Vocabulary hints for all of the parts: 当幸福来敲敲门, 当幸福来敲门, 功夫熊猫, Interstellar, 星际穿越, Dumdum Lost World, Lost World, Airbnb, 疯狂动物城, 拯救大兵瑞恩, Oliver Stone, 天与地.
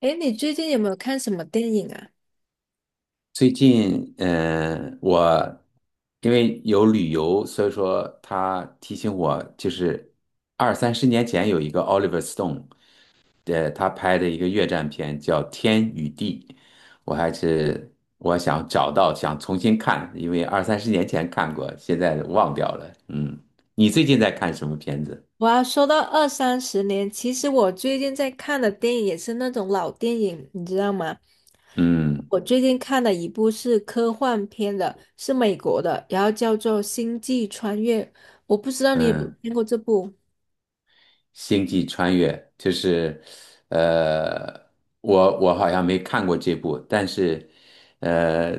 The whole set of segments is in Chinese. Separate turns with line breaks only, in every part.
诶，你最近有没有看什么电影啊？
最近，因为有旅游，所以说他提醒我，就是二三十年前有一个 Oliver Stone，他拍的一个越战片叫《天与地》，我还是我想找到，想重新看，因为二三十年前看过，现在忘掉了。嗯，你最近在看什么片子？
我要说到二三十年，其实我最近在看的电影也是那种老电影，你知道吗？
嗯
我最近看的一部是科幻片的，是美国的，然后叫做《星际穿越》，我不知道你有没有
嗯。
看过这部。
星际穿越，就是，呃，我好像没看过这部，但是，呃，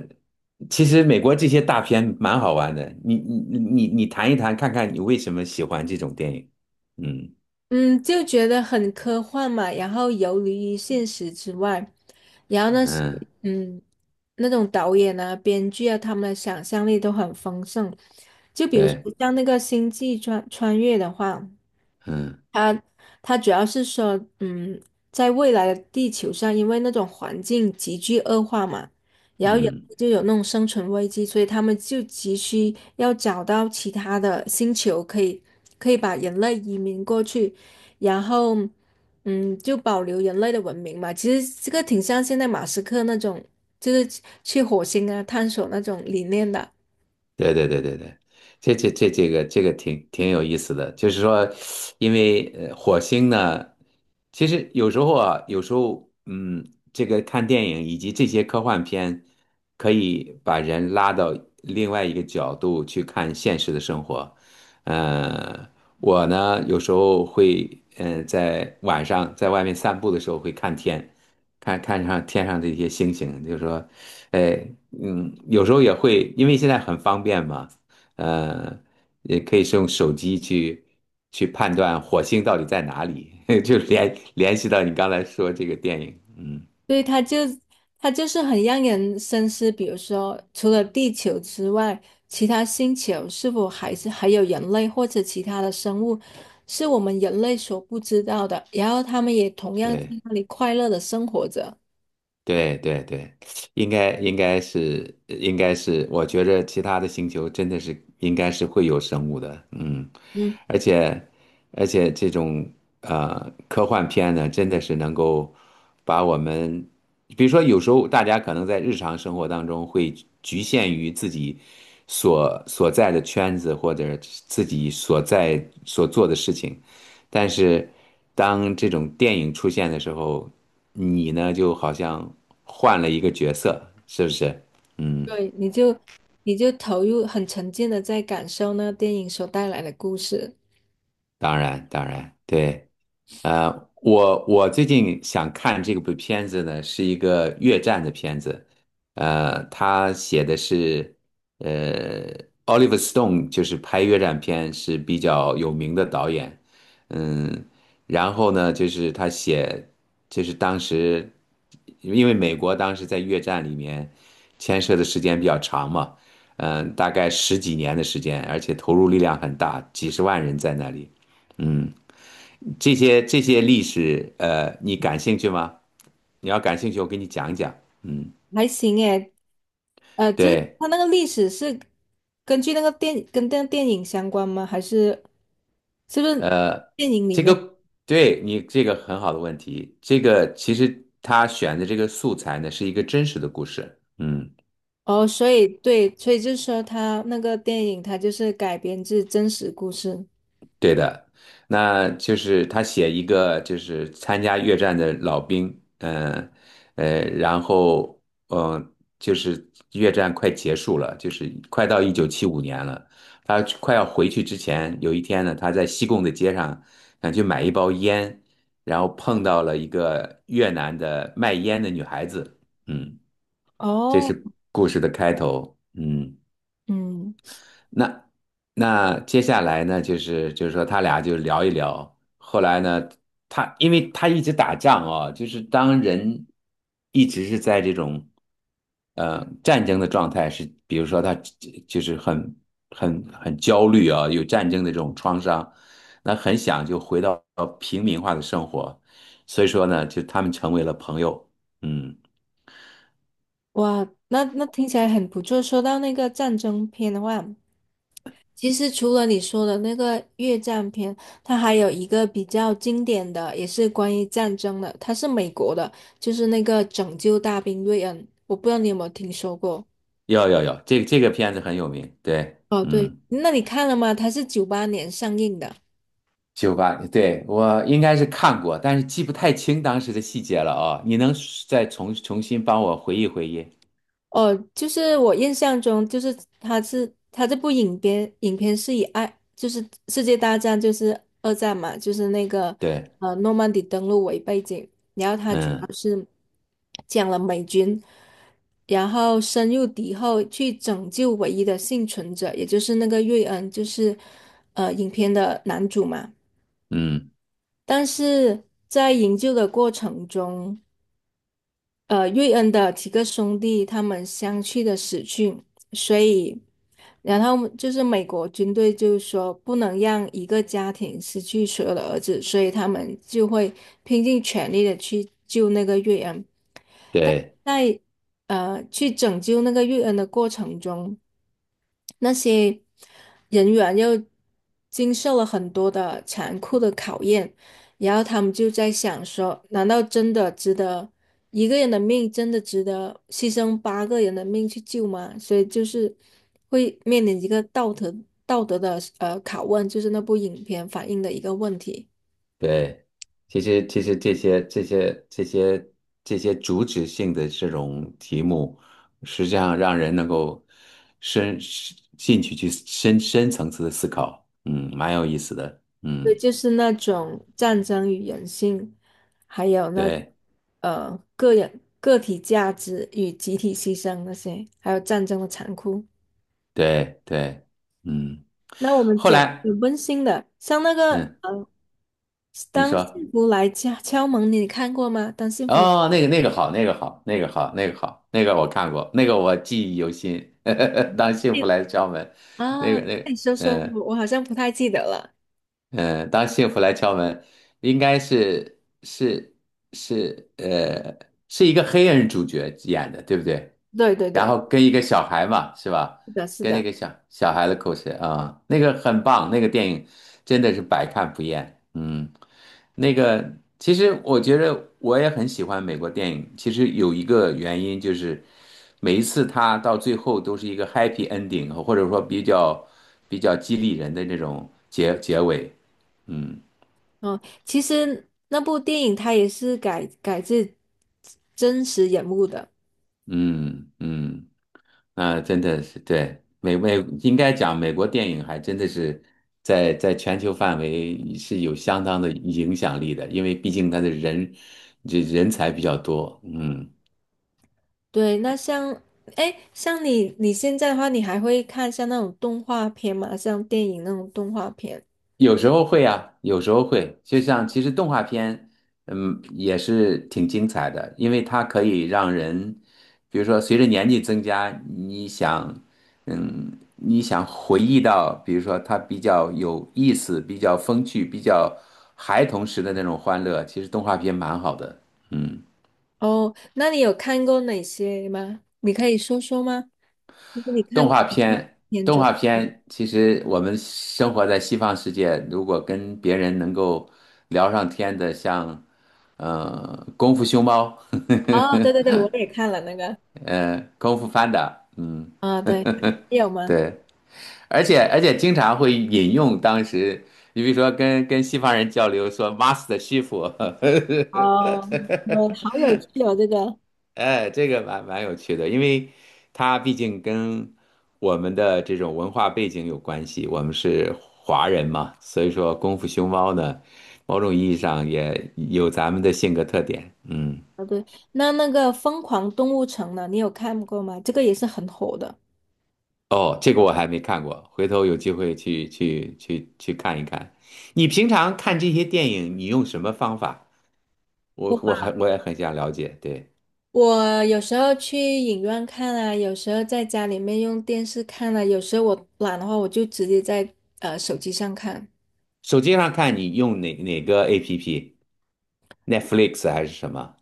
其实美国这些大片蛮好玩的，你谈一谈，看看你为什么喜欢这种电影。嗯
嗯，就觉得很科幻嘛，然后游离于现实之外，然后那些
嗯，
嗯，那种导演啊、编剧啊，他们的想象力都很丰盛。就比如说
对，
像那个《星际穿越》的话。
嗯
它主要是说，在未来的地球上，因为那种环境急剧恶化嘛，然后有
嗯。
就有那种生存危机，所以他们就急需要找到其他的星球，可以把人类移民过去，然后，就保留人类的文明嘛。其实这个挺像现在马斯克那种，就是去火星啊探索那种理念的。
对对对对对，这个挺有意思的，就是说，因为火星呢，其实有时候啊，有时候这个看电影以及这些科幻片，可以把人拉到另外一个角度去看现实的生活。呃，我呢有时候会在晚上在外面散步的时候会看天，看看上天上这些星星，就是说哎，有时候也会，因为现在很方便嘛，呃，也可以是用手机去判断火星到底在哪里。就联系到你刚才说这个电影。嗯。
对，以它就它就是很让人深思，比如说，除了地球之外，其他星球是否还有人类或者其他的生物，是我们人类所不知道的，然后他们也同样在
对，
那里快乐的生活着。
对对对，应该是，我觉着其他的星球真的是应该是会有生物的。嗯。
嗯，
而且而且这种科幻片呢，真的是能够把我们，比如说有时候大家可能在日常生活当中会局限于自己所在的圈子或者自己所做的事情，但是当这种电影出现的时候，你呢就好像换了一个角色，是不是？嗯。
对，你就投入很沉浸的在感受那个电影所带来的故事。
当然，当然，对。我最近想看这部片子呢，是一个越战的片子，呃，他写的是，呃，Oliver Stone 就是拍越战片是比较有名的导演。嗯。然后呢，就是他写，就是当时，因为美国当时在越战里面牵涉的时间比较长嘛，大概十几年的时间，而且投入力量很大，几十万人在那里。嗯。这些历史，你感兴趣吗？你要感兴趣，我给你讲一讲。嗯，
还行诶，就是
对，
它那个历史是根据那个电跟电电影相关吗？还是是不是
呃，
电影里
这
面？
个对你这个很好的问题。这个其实他选的这个素材呢，是一个真实的故事。嗯。
哦，所以对，所以就是说它那个电影它就是改编自真实故事。
对的，那就是他写一个就是参加越战的老兵。嗯然后嗯、呃就是越战快结束了，就是快到1975年了，他快要回去之前，有一天呢，他在西贡的街上想去买一包烟，然后碰到了一个越南的卖烟的女孩子。嗯。这
哦，
是故事的开头。嗯。
嗯，
那那接下来呢，就是说他俩就聊一聊。后来呢，他因为他一直打仗啊，就是当人一直是在这种战争的状态，是比如说他就是很焦虑啊，有战争的这种创伤，那很想就回到平民化的生活，所以说呢，就他们成为了朋友。嗯。
哇，那听起来很不错。说到那个战争片的话，其实除了你说的那个越战片，它还有一个比较经典的，也是关于战争的，它是美国的，就是那个《拯救大兵瑞恩》，我不知道你有没有听说过？
要要要，这个片子很有名，对。
哦，对，
嗯。
那你看了吗？它是98年上映的。
1998年对，我应该是看过，但是记不太清当时的细节了啊、你能再重新帮我回忆回忆？
哦，就是我印象中，就是他这部影片是以爱，就是世界大战，就是二战嘛，就是那个
对，
诺曼底登陆为背景，然后他主
嗯
要是讲了美军，然后深入敌后去拯救唯一的幸存者，也就是那个瑞恩，就是影片的男主嘛。
嗯，
但是在营救的过程中，瑞恩的几个兄弟他们相继的死去，所以，然后就是美国军队就是说不能让一个家庭失去所有的儿子，所以他们就会拼尽全力的去救那个瑞恩。
对
在去拯救那个玉恩的过程中，那些人员又经受了很多的残酷的考验，然后他们就在想说，难道真的值得一个人的命真的值得牺牲八个人的命去救吗？所以就是会面临一个道德的拷问，就是那部影片反映的一个问题。
对，其实这些主旨性的这种题目，实际上让人能够深深进去去深层次的思考。嗯，蛮有意思的。
对，
嗯，
就是那种战争与人性，还有那
对
个人个体价值与集体牺牲那些，还有战争的残酷。
对对。嗯。
那我们
后
讲有
来，
温馨的，像那个
嗯，
呃，
你
当
说。
幸福来敲门，你看过吗？当幸福
哦，那个那个好，那个好，那个好，那个好，那个我看过，那个我记忆犹新。当幸福
来
来敲门。那
啊，
个那个，
那你说说，
嗯。
我好像不太记得了。
嗯，当幸福来敲门，应该是，是一个黑人主角演的，对不对？
对对
然
对，
后跟一个小孩嘛，是吧？
是的，是
跟那
的。
个小孩的故事啊，那个很棒，那个电影真的是百看不厌。嗯。那个其实我觉得我也很喜欢美国电影，其实有一个原因就是每一次它到最后都是一个 happy ending，或者说比较激励人的那种结尾。嗯。
嗯，其实那部电影它也是改自真实人物的。
嗯嗯那真的是对美美，应该讲美国电影还真的是在全球范围是有相当的影响力的，因为毕竟它的人这人才比较多。嗯。
对，那像，哎，像你现在的话，你还会看像那种动画片吗？像电影那种动画片？
有时候会啊，有时候会，就像其实动画片，也是挺精彩的，因为它可以让人，比如说随着年纪增加，你想，你想回忆到，比如说它比较有意思、比较风趣、比较孩童时的那种欢乐，其实动画片蛮好的。嗯。
哦，那你有看过哪些吗？你可以说说吗？就是你
动
看过
画
哪些
片，
片
动
种？
画片，其实我们生活在西方世界，如果跟别人能够聊上天的，像《功夫熊猫》
哦，对对对，我也看了那个。
《功夫 Panda》。嗯。
啊，对，你有吗？
对，而且经常会引用当时，你比如说跟西方人交流说 “Master 师傅”。
哦，我好有趣哦，这个。
哎，这个蛮有趣的，因为它毕竟跟我们的这种文化背景有关系，我们是华人嘛，所以说功夫熊猫呢，某种意义上也有咱们的性格特点。嗯。
啊，对，那个《疯狂动物城》呢？你有看过吗？这个也是很火的。
哦，这个我还没看过，回头有机会去看一看。你平常看这些电影，你用什么方法？我也很想了解。对。
我有时候去影院看啊，有时候在家里面用电视看啊，有时候我懒的话，我就直接在手机上看。
手机上看你用哪个 APP？Netflix 还是什么？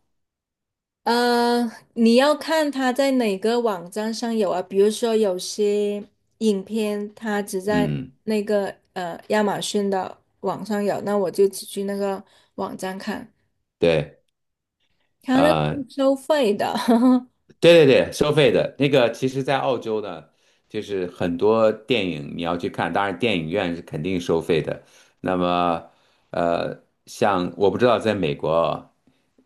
呃，你要看它在哪个网站上有啊？比如说有些影片它只在
嗯，
那个亚马逊的网上有，那我就只去那个网站看。
对。
它那是
啊，
收费的，
对对对，收费的那个，其实，在澳洲呢，就是很多电影你要去看，当然电影院是肯定收费的。那么，呃，像我不知道在美国啊，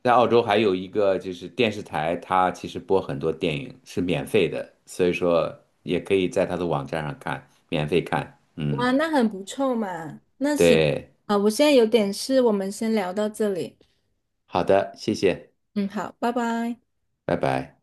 在澳洲还有一个就是电视台，它其实播很多电影是免费的，所以说也可以在它的网站上看，免费看。嗯，
哇，那很不错嘛。那行
对，
啊，我现在有点事，我们先聊到这里。
好的，谢谢，
嗯，好，拜拜。
拜拜。